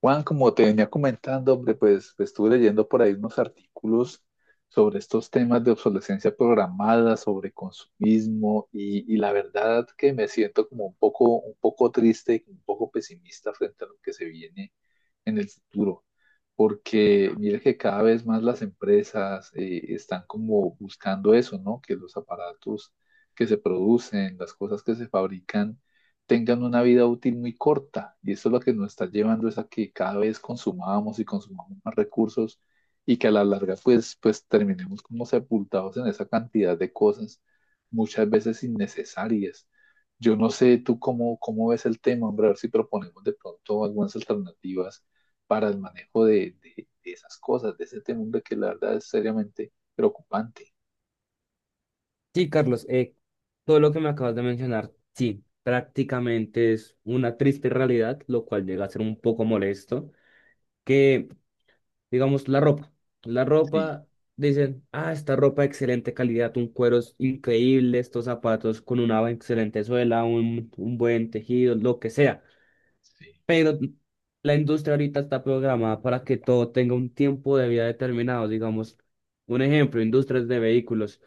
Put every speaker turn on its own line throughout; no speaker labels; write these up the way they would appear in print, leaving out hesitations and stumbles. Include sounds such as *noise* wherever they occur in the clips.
Juan, como te venía comentando, hombre, pues, estuve leyendo por ahí unos artículos sobre estos temas de obsolescencia programada, sobre consumismo, y la verdad que me siento como un poco triste y un poco pesimista frente a lo que se viene en el futuro, porque mire que cada vez más las empresas están como buscando eso, ¿no? Que los aparatos que se producen, las cosas que se fabrican, tengan una vida útil muy corta. Y eso es lo que nos está llevando es a que cada vez consumamos y consumamos más recursos y que a la larga pues terminemos como sepultados en esa cantidad de cosas, muchas veces innecesarias. Yo no sé tú cómo, cómo ves el tema, hombre, a ver si proponemos de pronto algunas alternativas para el manejo de esas cosas, de ese tema, hombre, que la verdad es seriamente preocupante.
Sí, Carlos, todo lo que me acabas de mencionar, sí, prácticamente es una triste realidad, lo cual llega a ser un poco molesto, que, digamos, la ropa, la
Sí,
ropa, dicen, ah, esta ropa de excelente calidad, un cuero es increíble, estos zapatos con una excelente suela, un buen tejido, lo que sea,
sí,
pero la industria ahorita está programada para que todo tenga un tiempo de vida determinado, digamos, un ejemplo, industrias de vehículos.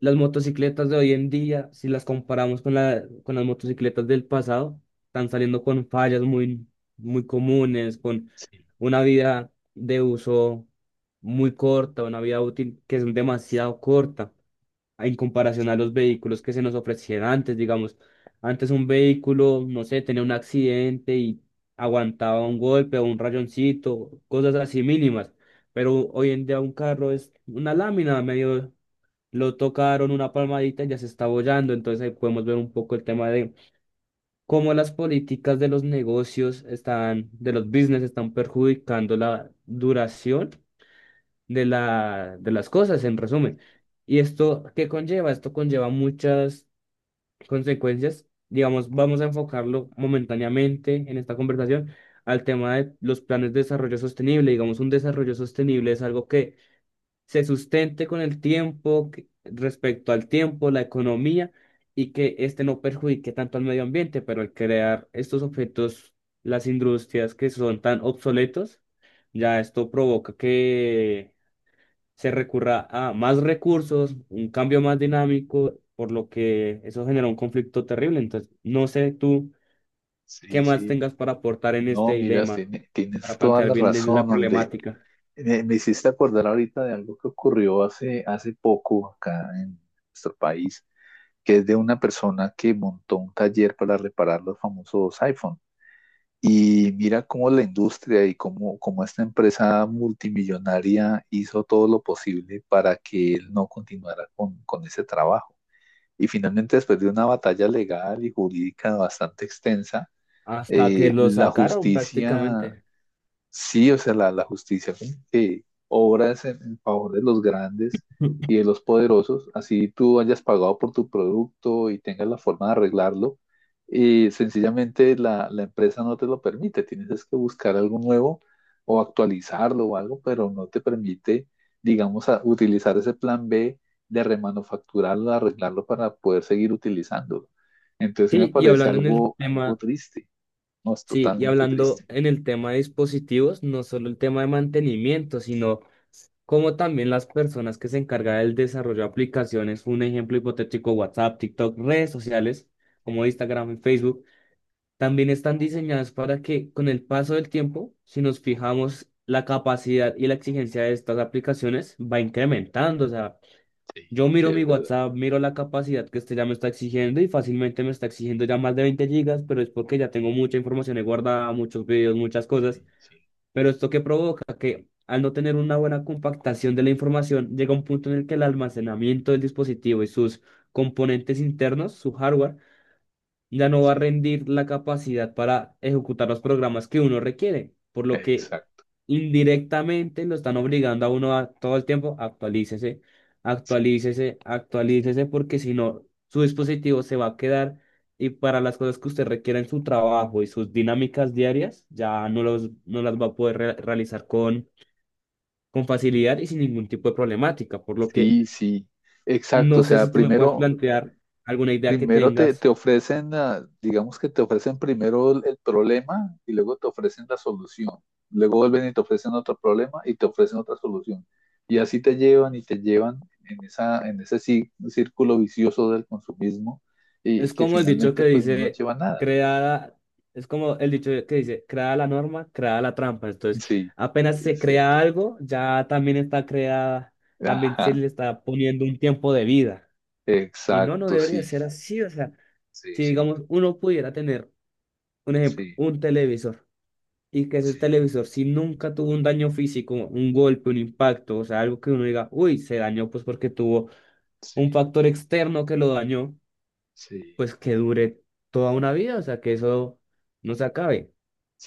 Las motocicletas de hoy en día, si las comparamos con con las motocicletas del pasado, están saliendo con fallas muy, muy comunes, con
sí,
una vida de uso muy corta, una vida útil que es demasiado corta en comparación a los vehículos que se nos ofrecían antes, digamos. Antes un vehículo, no sé, tenía un accidente y aguantaba un golpe o un rayoncito, cosas así mínimas. Pero hoy en día un carro es una lámina medio, lo tocaron una palmadita y ya se está bollando. Entonces ahí podemos ver un poco el tema de cómo las políticas de los negocios están, de los business están perjudicando la duración de de las cosas, en resumen. ¿Y esto qué conlleva? Esto conlleva muchas consecuencias. Digamos, vamos a enfocarlo momentáneamente en esta conversación al tema de los planes de desarrollo sostenible. Digamos, un desarrollo sostenible es algo que se sustente con el tiempo, respecto al tiempo, la economía, y que este no perjudique tanto al medio ambiente, pero al crear estos objetos, las industrias que son tan obsoletos, ya esto provoca que se recurra a más recursos, un cambio más dinámico, por lo que eso genera un conflicto terrible. Entonces, no sé tú qué
sí,
más
sí.
tengas para aportar en este
No, mira,
dilema,
tienes
para
toda
plantear
la
bien la
razón, hombre.
problemática,
Me hiciste acordar ahorita de algo que ocurrió hace, hace poco acá en nuestro país, que es de una persona que montó un taller para reparar los famosos iPhone. Y mira cómo la industria y cómo, cómo esta empresa multimillonaria hizo todo lo posible para que él no continuara con ese trabajo. Y finalmente, después de una batalla legal y jurídica bastante extensa,
hasta que lo
la
sacaron
justicia.
prácticamente.
Sí, o sea, la justicia como que obra es en favor de los grandes y
*laughs*
de los poderosos, así tú hayas pagado por tu producto y tengas la forma de arreglarlo, y sencillamente la empresa no te lo permite, tienes es que buscar algo nuevo o actualizarlo o algo, pero no te permite, digamos, utilizar ese plan B de remanufacturarlo, arreglarlo para poder seguir utilizándolo. Entonces sí me
Sí, y
parece
hablando en sí.
algo, algo triste, no es
Sí, y
totalmente
hablando
triste.
en el tema de dispositivos, no solo el tema de mantenimiento, sino como también las personas que se encargan del desarrollo de aplicaciones, un ejemplo hipotético, WhatsApp, TikTok, redes sociales como Instagram y Facebook, también están diseñadas para que con el paso del tiempo, si nos fijamos, la capacidad y la exigencia de estas aplicaciones va incrementando. O sea,
Sí,
yo
sí,
miro mi
es verdad.
WhatsApp, miro la capacidad que este ya me está exigiendo y fácilmente me está exigiendo ya más de 20 gigas, pero es porque ya tengo mucha información ahí guardada, muchos videos, muchas
Sí,
cosas.
sí,
Pero esto que provoca que al no tener una buena compactación de la información, llega un punto en el que el almacenamiento del dispositivo y sus componentes internos, su hardware, ya no va a
sí,
rendir la capacidad para ejecutar los programas que uno requiere, por lo que
exacto.
indirectamente lo están obligando a uno a todo el tiempo actualícese,
Sí, sí.
actualícese, actualícese, porque si no, su dispositivo se va a quedar y para las cosas que usted requiera en su trabajo y sus dinámicas diarias, ya no, los, no las va a poder realizar con facilidad y sin ningún tipo de problemática, por lo que
Sí, sí, exacto. O
no sé
sea,
si tú me puedes
primero,
plantear alguna idea que
primero te,
tengas.
te ofrecen, ah, digamos que te ofrecen primero el problema y luego te ofrecen la solución. Luego vuelven y te ofrecen otro problema y te ofrecen otra solución. Y así te llevan y te llevan en esa, en ese círculo vicioso del consumismo y
Es
que
como el dicho
finalmente
que
pues no nos
dice,
lleva a nada.
creada, es como el dicho que dice, creada la norma, creada la trampa. Entonces,
Sí,
apenas se
es
crea
cierto.
algo, ya también está creada, también se
Ajá,
le está poniendo un tiempo de vida. Y no, no
exacto,
debería
sí,
ser así. O sea,
sí,
si
sí.
digamos, uno pudiera tener, un ejemplo,
Sí,
un televisor, y que ese
sí,
televisor, si nunca tuvo un daño físico, un golpe, un impacto, o sea, algo que uno diga, uy, se dañó pues porque tuvo
sí,
un factor externo que lo dañó,
sí,
pues que dure toda una vida, o sea, que eso no se acabe,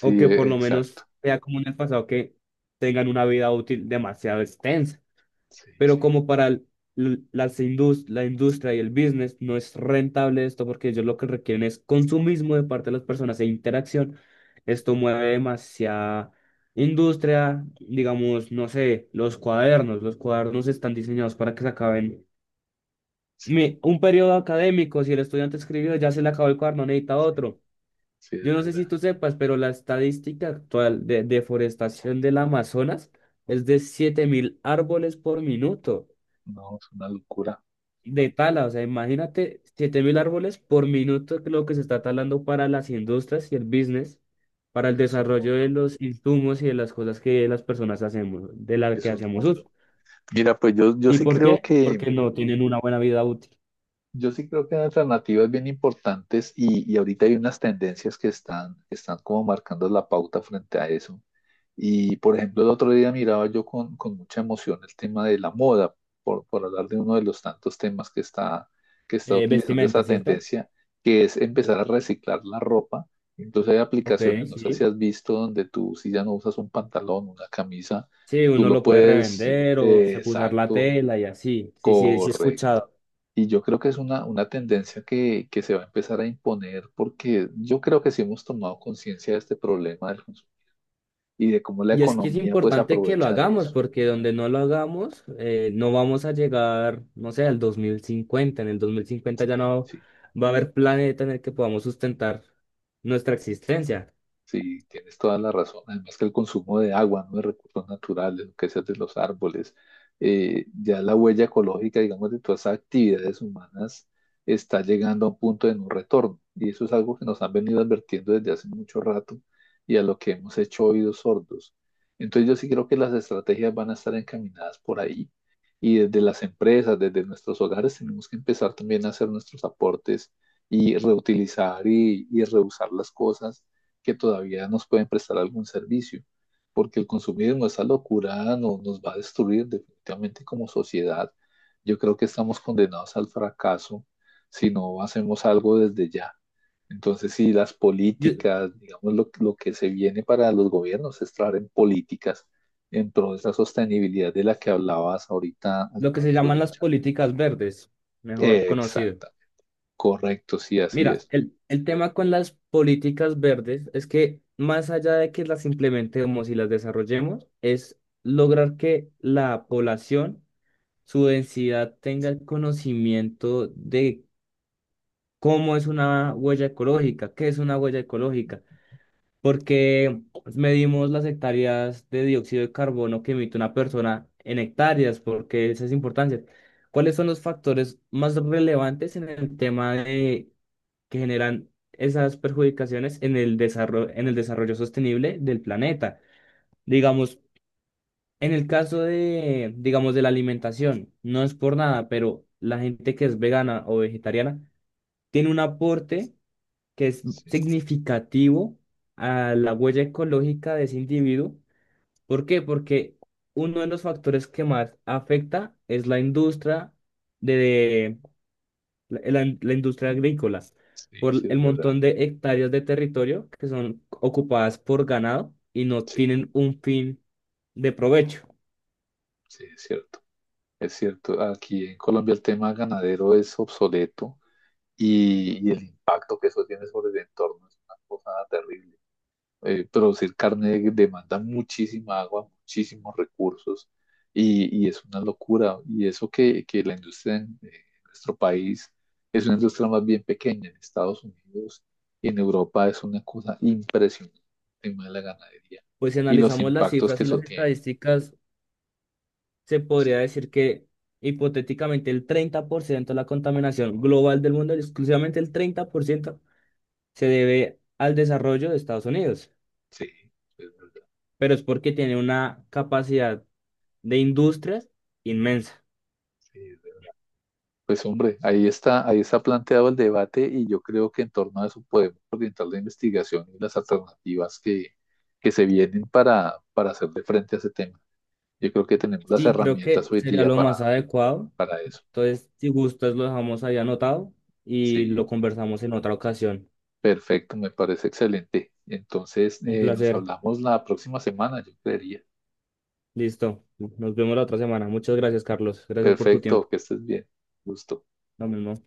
o que por lo menos
exacto.
sea como en el pasado, que tengan una vida útil demasiado extensa,
Sí,
pero
sí,
como para el- l- las indus- la industria y el business no es rentable esto porque ellos lo que requieren es consumismo de parte de las personas e interacción, esto
sí,
mueve demasiada industria, digamos, no sé, los cuadernos están diseñados para que se acaben
sí,
un periodo académico, si el estudiante escribió, ya se le acabó el cuaderno, necesita
sí,
otro.
sí, es
Yo no sé si
verdad.
tú sepas, pero la estadística actual de deforestación del Amazonas es de 7000 árboles por minuto
No, es una locura, es una
de tala.
locura.
O sea, imagínate 7000 árboles por minuto que lo que se está talando para las industrias y el business, para el
Eso es un
desarrollo de
mundo,
los insumos y de las cosas que las personas hacemos, de las
es
que
un
hacemos uso.
mundo. Mira, pues yo,
¿Y por, claro, qué? Porque no tienen una buena vida útil.
yo sí creo que hay alternativas bien importantes y ahorita hay unas tendencias que están como marcando la pauta frente a eso. Y por ejemplo, el otro día miraba yo con mucha emoción el tema de la moda, por hablar de uno de los tantos temas que está utilizando
Vestimenta,
esa
¿cierto?
tendencia, que es empezar a reciclar la ropa. Incluso hay
Ok,
aplicaciones, no sé si
sí.
has visto, donde tú si ya no usas un pantalón, una camisa,
Sí,
tú
uno
lo
lo puede
puedes,
revender o se puede usar la
exacto,
tela y así. Sí, sí, sí he
correcto.
escuchado.
Y yo creo que es una tendencia que se va a empezar a imponer porque yo creo que sí hemos tomado conciencia de este problema del consumo y de cómo la
Y es que es
economía pues
importante que lo
aprovecha de
hagamos
eso.
porque donde no lo hagamos, no vamos a llegar, no sé, al 2050. En el 2050 ya
Sí,
no
sí.
va a haber planeta en el que podamos sustentar nuestra existencia.
Sí, tienes toda la razón. Además que el consumo de agua, ¿no? De recursos naturales, lo que sea de los árboles, ya la huella ecológica, digamos, de todas esas actividades humanas está llegando a un punto de no retorno. Y eso es algo que nos han venido advirtiendo desde hace mucho rato y a lo que hemos hecho oídos sordos. Entonces yo sí creo que las estrategias van a estar encaminadas por ahí. Y desde las empresas, desde nuestros hogares, tenemos que empezar también a hacer nuestros aportes y reutilizar y reusar las cosas que todavía nos pueden prestar algún servicio, porque el consumismo, esa locura, no, nos va a destruir definitivamente como sociedad. Yo creo que estamos condenados al fracaso si no hacemos algo desde ya. Entonces, sí, las
Yo-
políticas, digamos, lo que se viene para los gobiernos es traer en políticas en pro de esa sostenibilidad de la que hablabas ahorita al
lo que se
comienzo
llaman
de la
las
charla.
políticas verdes, mejor conocido.
Exacta, correcto, sí, así
Mira,
es.
el tema con las políticas verdes es que más allá de que las implementemos y las desarrollemos, es lograr que la población, su densidad, tenga el conocimiento de cómo es una huella ecológica, qué es una huella ecológica, porque medimos las hectáreas de dióxido de carbono que emite una persona en hectáreas, porque esa es importancia. ¿Cuáles son los factores más relevantes en el tema de que generan esas perjudicaciones en el desarrollo sostenible del planeta? Digamos, en el caso
Sí,
de, digamos, de la alimentación, no es por nada, pero la gente que es vegana o vegetariana tiene un aporte que es
sí,
significativo a la huella ecológica de ese individuo. ¿Por qué? Porque uno de los factores que más afecta es la industria de la industria agrícola,
sí,
por
sí,
el
es verdad.
montón de hectáreas de territorio que son ocupadas por ganado y no
Sí,
tienen un fin de provecho.
sí, es cierto. Es cierto, aquí en Colombia el tema ganadero es obsoleto y el impacto que eso tiene sobre el entorno es una cosa terrible. Producir carne demanda muchísima agua, muchísimos recursos y es una locura. Y eso que la industria en nuestro país es una industria más bien pequeña, en Estados Unidos y en Europa es una cosa impresionante el tema de la ganadería
Pues si
y los
analizamos las
impactos
cifras
que
y
eso
las
tiene.
estadísticas, se
Sí,
podría decir que hipotéticamente el 30% de la contaminación global del mundo, exclusivamente el 30% se debe al desarrollo de Estados Unidos,
sí, es verdad.
pero es porque tiene una capacidad de industrias inmensa.
Sí, pues hombre, ahí está planteado el debate y yo creo que en torno a eso podemos orientar la investigación y las alternativas que se vienen para hacerle frente a ese tema. Yo creo que tenemos las
Sí, creo que
herramientas hoy
sería
día
lo más adecuado.
para eso.
Entonces, si gustas, lo dejamos ahí anotado y lo
Sí,
conversamos en otra ocasión.
perfecto, me parece excelente. Entonces,
Un
nos
placer.
hablamos la próxima semana, yo creería.
Listo. Nos vemos la otra semana. Muchas gracias, Carlos. Gracias por tu
Perfecto,
tiempo.
que estés bien. Gusto.
Lo mismo.